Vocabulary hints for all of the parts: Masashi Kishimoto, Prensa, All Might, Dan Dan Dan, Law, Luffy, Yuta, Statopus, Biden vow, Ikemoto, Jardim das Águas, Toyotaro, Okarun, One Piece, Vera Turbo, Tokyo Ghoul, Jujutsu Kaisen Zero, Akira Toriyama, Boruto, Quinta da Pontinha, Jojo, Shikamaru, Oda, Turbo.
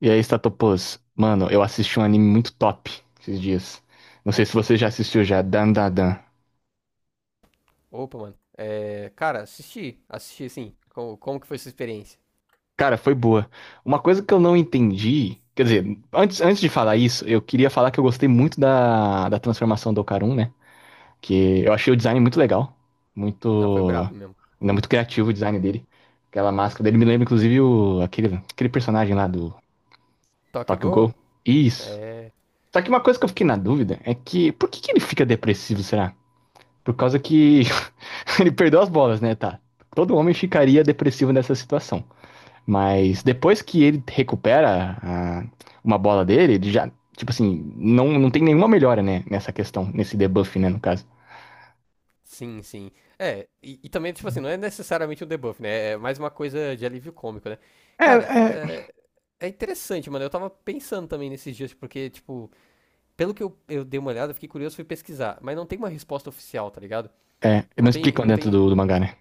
E aí, Statopus? Mano, eu assisti um anime muito top esses dias. Não sei se você já assistiu já, Dan Dan Dan. Opa, mano. É, cara, assisti. Assisti, assim. Como que foi sua experiência? Cara, foi boa. Uma coisa que eu não entendi, quer dizer, antes de falar isso, eu queria falar que eu gostei muito da transformação do Okarun, né? Que eu achei o design muito legal, Não, foi muito, brabo mesmo. ainda muito criativo o design dele. Aquela máscara dele me lembra inclusive o, aquele personagem lá do Tokyo Tokyo Ghoul? Ghoul. Isso. É. Só que uma coisa que eu fiquei na dúvida é que por que que ele fica depressivo, será? Por causa que ele perdeu as bolas, né? Tá. Todo homem ficaria depressivo nessa situação. Sim. Mas depois que ele recupera a- Uma bola dele, ele já, tipo assim, não, não tem nenhuma melhora, né? Nessa questão, nesse debuff, né? No caso. Sim, sim. É, e também, tipo assim, não é necessariamente um debuff, né? É mais uma coisa de alívio cômico, né? É, Cara, é. é, interessante, mano. Eu tava pensando também nesses dias, porque, tipo, pelo que eu dei uma olhada, eu fiquei curioso, fui pesquisar. Mas não tem uma resposta oficial, tá ligado? É, Não não tem, explicam não dentro tem do mangá, né?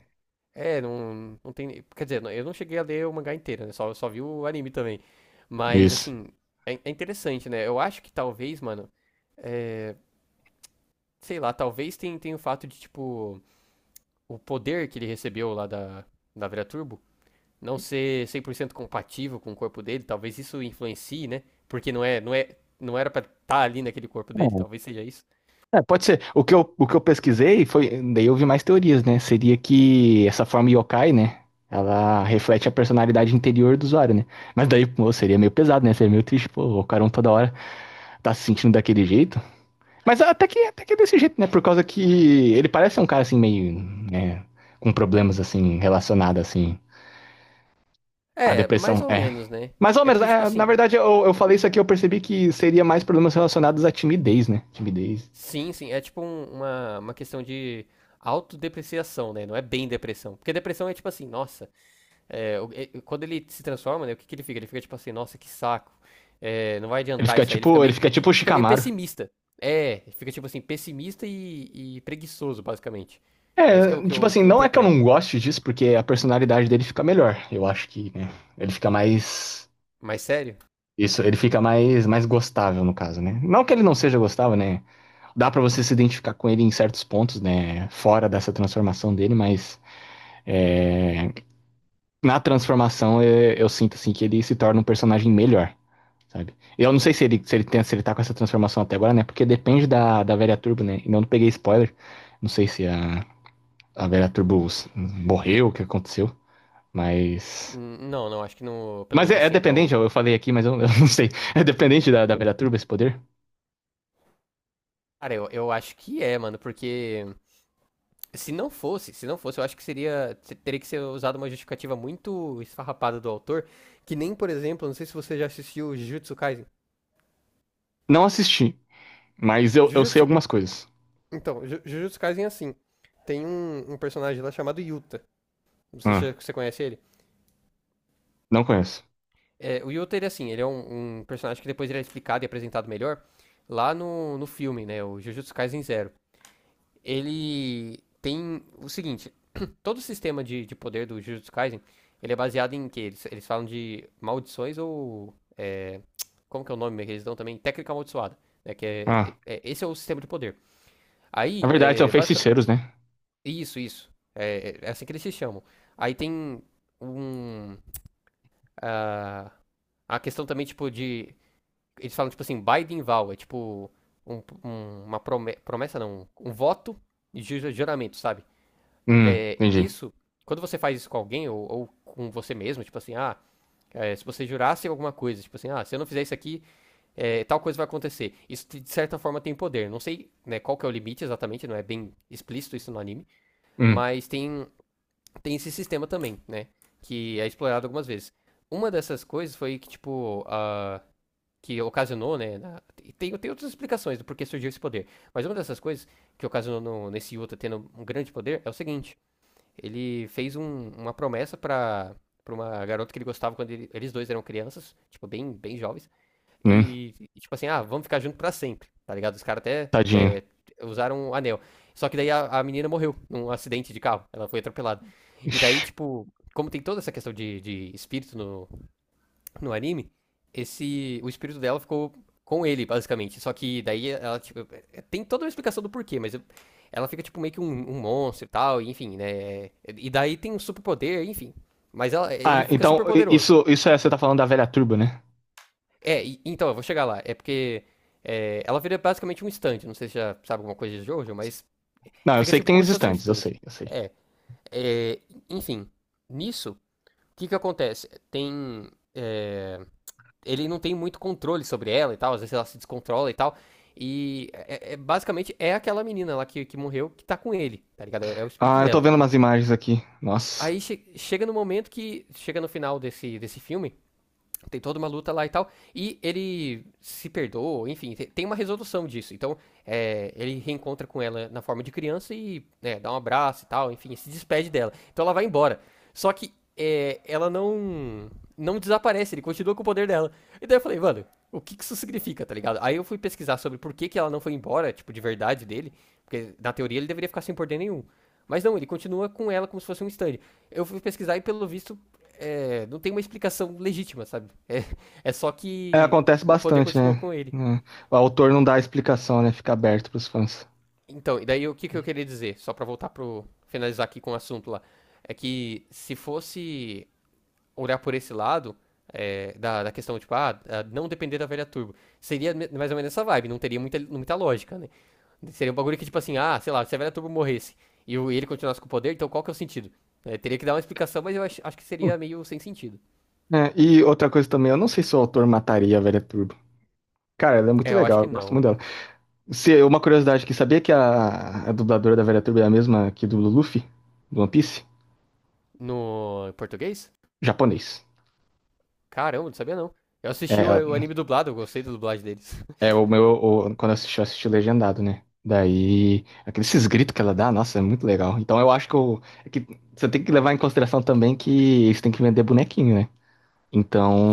É, não tem. Quer dizer, eu não cheguei a ler o mangá inteiro, né? Só vi o anime também. Mas, Isso. assim, é, interessante, né? Eu acho que talvez, mano, é, sei lá, talvez tenha tem o fato de, tipo, o poder que ele recebeu lá da Vera Turbo não ser 100% compatível com o corpo dele. Talvez isso influencie, né? Porque não era pra estar ali naquele corpo dele, talvez seja isso. É, pode ser. O que eu pesquisei foi. Daí eu vi mais teorias, né? Seria que essa forma yokai, né? Ela reflete a personalidade interior do usuário, né? Mas daí, pô, seria meio pesado, né? Seria meio triste, pô, o Ocaron toda hora tá se sentindo daquele jeito. Mas até que é desse jeito, né? Por causa que ele parece um cara assim meio, né, com problemas assim relacionados assim à É, mais depressão, ou é. menos, né? Mas, ao É menos, porque, tipo é, na assim, verdade, eu falei isso aqui, eu percebi que seria mais problemas relacionados à timidez, né? Timidez. sim, sim. É tipo uma questão de autodepreciação, né? Não é bem depressão. Porque depressão é tipo assim, nossa. Quando ele se transforma, né? O que que ele fica? Ele fica tipo assim, nossa, que saco. Não vai Ele adiantar fica isso aí. Ele fica tipo, ele meio, fica que- tipo o fica meio Shikamaru. pessimista. É, fica tipo assim, pessimista e preguiçoso, basicamente. É isso que eu, É, que tipo eu, assim, que eu não é que eu interpreto. não goste disso, porque a personalidade dele fica melhor. Eu acho que, né, ele fica mais Mas sério? isso, ele fica mais gostável no caso, né? Não que ele não seja gostável, né? Dá para você se identificar com ele em certos pontos, né? Fora dessa transformação dele, mas é, na transformação sinto assim que ele se torna um personagem melhor, sabe? Eu não sei se ele tá com essa transformação até agora, né? Porque depende da velha Turbo, né? Eu não peguei spoiler, não sei se a, a velha Turbo morreu, o que aconteceu, mas Não, não. Acho que no. Pelo mas menos é, é assim, até dependente, o. eu falei aqui, mas eu, eu, não sei. É dependente da velha Turbo esse poder? Cara, eu acho que é, mano. Porque. Se não fosse, eu acho que seria. Teria que ser usado uma justificativa muito esfarrapada do autor. Que nem, por exemplo, não sei se você já assistiu Jujutsu Kaisen. Não assisti, mas eu sei Jujutsu. algumas coisas. Então, Jujutsu Kaisen é assim. Tem um, personagem lá chamado Yuta. Não sei se Ah, você conhece ele. não conheço. É, o Yuta, ele é assim, ele é um, personagem que depois ele é explicado e apresentado melhor lá no filme, né? O Jujutsu Kaisen Zero. Ele tem o seguinte: todo o sistema de, poder do Jujutsu Kaisen, ele é baseado em que eles falam de maldições ou como que é o nome que eles dão também? Técnica amaldiçoada, né? Que Ah, esse é o sistema de poder. na Aí, verdade, são basicamente, feiticeiros, né? isso, isso. É, é assim que eles se chamam. Aí tem um ah, a questão também tipo de eles falam tipo assim, Biden vow, é tipo uma promessa não, um voto de juramento, sabe? Hum, É, entendi. isso, quando você faz isso com alguém ou com você mesmo, tipo assim, se você jurasse alguma coisa, tipo assim, ah, se eu não fizer isso aqui, tal coisa vai acontecer. Isso de certa forma tem poder. Não sei né, qual que é o limite exatamente, não é bem explícito isso no anime, Hum, mas tem, esse sistema também, né? Que é explorado algumas vezes. Uma dessas coisas foi que, tipo, a que ocasionou, né? Tem outras explicações do porquê surgiu esse poder. Mas uma dessas coisas que ocasionou nesse Yuta tendo um grande poder é o seguinte: ele fez uma promessa pra uma garota que ele gostava quando eles dois eram crianças, tipo, bem, bem jovens. hum, E tipo assim, vamos ficar junto pra sempre, tá ligado? Os caras até tadinho. Usaram um anel. Só que daí a, menina morreu num acidente de carro. Ela foi atropelada. E daí, Ixi. tipo, como tem toda essa questão de, espírito no anime, esse o espírito dela ficou com ele, basicamente. Só que daí ela, tipo, tem toda uma explicação do porquê, mas ela fica, tipo, meio que um monstro e tal, enfim, né? E daí tem um superpoder, enfim. Mas ele Ah, fica então, super i- poderoso. isso, isso é, você tá falando da velha turba, né? É, então, eu vou chegar lá. É porque ela vira basicamente um stand. Não sei se já sabe alguma coisa de Jojo, mas Não, eu fica sei que tipo tem como os se fosse um estandes, eu stand. sei, eu sei. É, é, enfim. Nisso, o que que acontece? Tem. é, Ele não tem muito controle sobre ela e tal, às vezes ela se descontrola e tal. E basicamente é aquela menina lá que morreu que tá com ele, tá ligado? É o espírito Ah, eu tô dela. vendo umas imagens aqui. Nossa. Aí chega no momento que. Chega no final desse filme tem toda uma luta lá e tal. E ele se perdoa, enfim, tem uma resolução disso. Então, ele reencontra com ela na forma de criança e né, dá um abraço e tal, enfim, se despede dela. Então ela vai embora. Só que ela não desaparece, ele continua com o poder dela. E daí eu falei, mano, o que que isso significa, tá ligado? Aí eu fui pesquisar sobre por que que ela não foi embora, tipo, de verdade dele. Porque na teoria ele deveria ficar sem poder nenhum. Mas não, ele continua com ela como se fosse um stand. Eu fui pesquisar e pelo visto não tem uma explicação legítima, sabe? É, é só É, que acontece o poder bastante, continuou né? com ele. É, o autor não dá a explicação, né? Fica aberto pros fãs. Então, e daí o que, que eu queria dizer, só pra voltar pro. Finalizar aqui com o assunto lá. É que se fosse olhar por esse lado, da, questão, tipo, não depender da velha turbo. Seria mais ou menos essa vibe, não teria muita, muita lógica, né? Seria um bagulho que, tipo assim, sei lá, se a velha turbo morresse e ele continuasse com o poder, então qual que é o sentido? É, teria que dar uma explicação, mas eu acho, que seria meio sem sentido. É, e outra coisa também, eu não sei se o autor mataria a velha turba. Cara, ela é muito É, eu acho legal, que eu gosto não. muito dela. Se, uma curiosidade aqui, sabia que a dubladora da velha turba é a mesma que do Luffy, do One Piece? No português? Japonês. Caramba, não sabia não. Eu assisti É, o, anime dublado, eu gostei da dublagem deles. é, o meu. O- quando eu assisti legendado, né? Daí. Aqueles esses gritos que ela dá, nossa, é muito legal. Então eu acho que, eu, é que você tem que levar em consideração também que eles têm que vender bonequinho, né?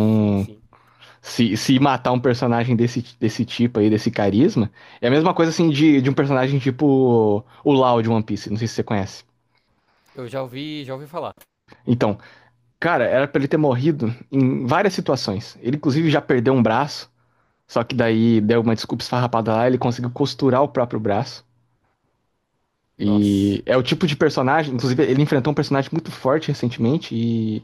Sim, sim. se matar um personagem desse, desse tipo aí, desse carisma, é a mesma coisa assim de um personagem tipo o Law de One Piece, não sei se você conhece. Eu já ouvi falar. Então, cara, era pra ele ter morrido em várias situações. Ele, inclusive, já perdeu um braço, só que daí deu uma desculpa esfarrapada lá, ele conseguiu costurar o próprio braço. E Nossa. é o tipo de personagem, inclusive ele enfrentou um personagem muito forte recentemente e,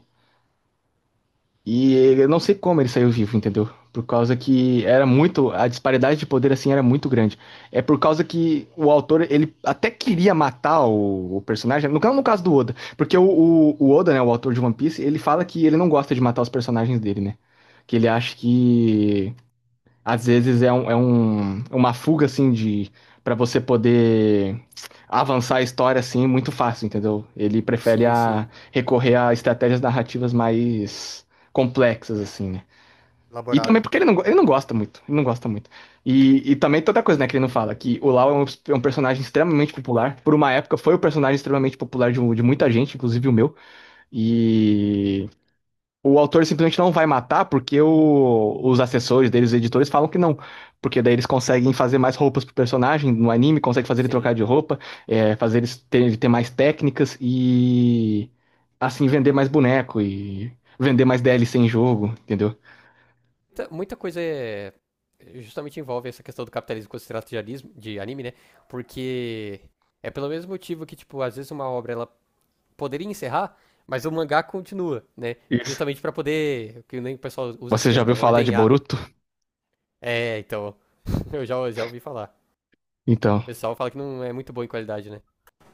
eu não sei como ele saiu vivo, entendeu? Por causa que era muito, a disparidade de poder assim era muito grande. É por causa que o autor, ele até queria matar o personagem, no caso do Oda, porque o Oda, né, o autor de One Piece, ele fala que ele não gosta de matar os personagens dele, né? Que ele acha que às vezes é uma fuga, assim, de para você poder avançar a história, assim, muito fácil, entendeu? Ele prefere Sim, sim. a, recorrer a estratégias narrativas mais complexas, assim, né? E Elaborado. também porque ele ele não gosta muito, ele não gosta muito. E também toda coisa, né, que ele não fala, que o Lau é um personagem extremamente popular. Por uma época foi o personagem extremamente popular de, de muita gente, inclusive o meu. E o autor simplesmente não vai matar porque os assessores deles, os editores, falam que não. Porque daí eles conseguem fazer mais roupas pro personagem no anime, conseguem fazer ele trocar Sim. de roupa, é, ele ter mais técnicas e assim vender mais boneco e vender mais DLC em jogo, entendeu? Muita, muita coisa é. Justamente envolve essa questão do capitalismo quando se trata de anime, né? Porque é pelo mesmo motivo que, tipo, às vezes uma obra ela poderia encerrar, mas o mangá continua, né? Isso. Justamente pra poder. Que nem o pessoal usa esse Você já termo, ouviu né? falar de Ordenhar. Boruto? É, então. Eu já, ouvi falar. Então. O pessoal fala que não é muito bom em qualidade, né?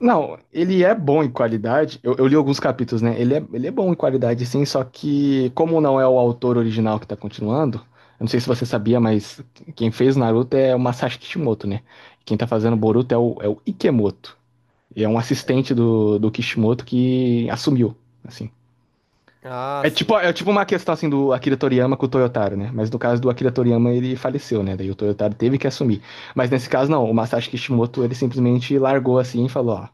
Não, ele é bom em qualidade. Eu li alguns capítulos, né? Ele é bom em qualidade, sim, só que, como não é o autor original que tá continuando, eu não sei se você sabia, mas quem fez Naruto é o Masashi Kishimoto, né? Quem tá fazendo Uhum. Boruto é o Ikemoto. E é um É, assistente do Kishimoto que assumiu. Assim. ah, sim. É tipo uma questão assim do Akira Toriyama com o Toyotaro, né? Mas no caso do Akira Toriyama ele faleceu, né? Daí o Toyotaro teve que assumir. Mas nesse caso não, o Masashi Kishimoto ele simplesmente largou assim e falou, ó,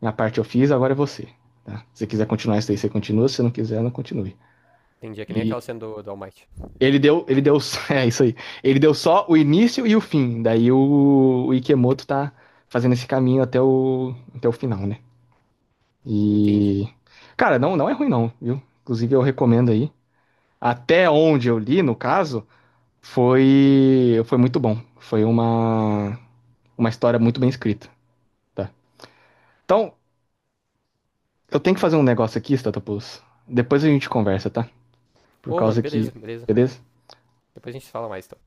minha parte eu fiz, agora é você, tá? Se você quiser continuar isso daí, você continua, se você não quiser, não continue. Entendi. É que nem aquela E cena do, All Might. ele deu, ele deu, é isso aí. Ele deu só o início e o fim. Daí o Ikemoto tá fazendo esse caminho até o até o final, né? Entendi. E cara, não é ruim não, viu? Inclusive eu recomendo aí. Até onde eu li, no caso, foi foi muito bom. Foi uma história muito bem escrita, tá? Então, eu tenho que fazer um negócio aqui, Statopoulos. Depois a gente conversa, tá? Por Ô, mano, causa beleza, que, beleza. beleza? Depois a gente fala mais, então.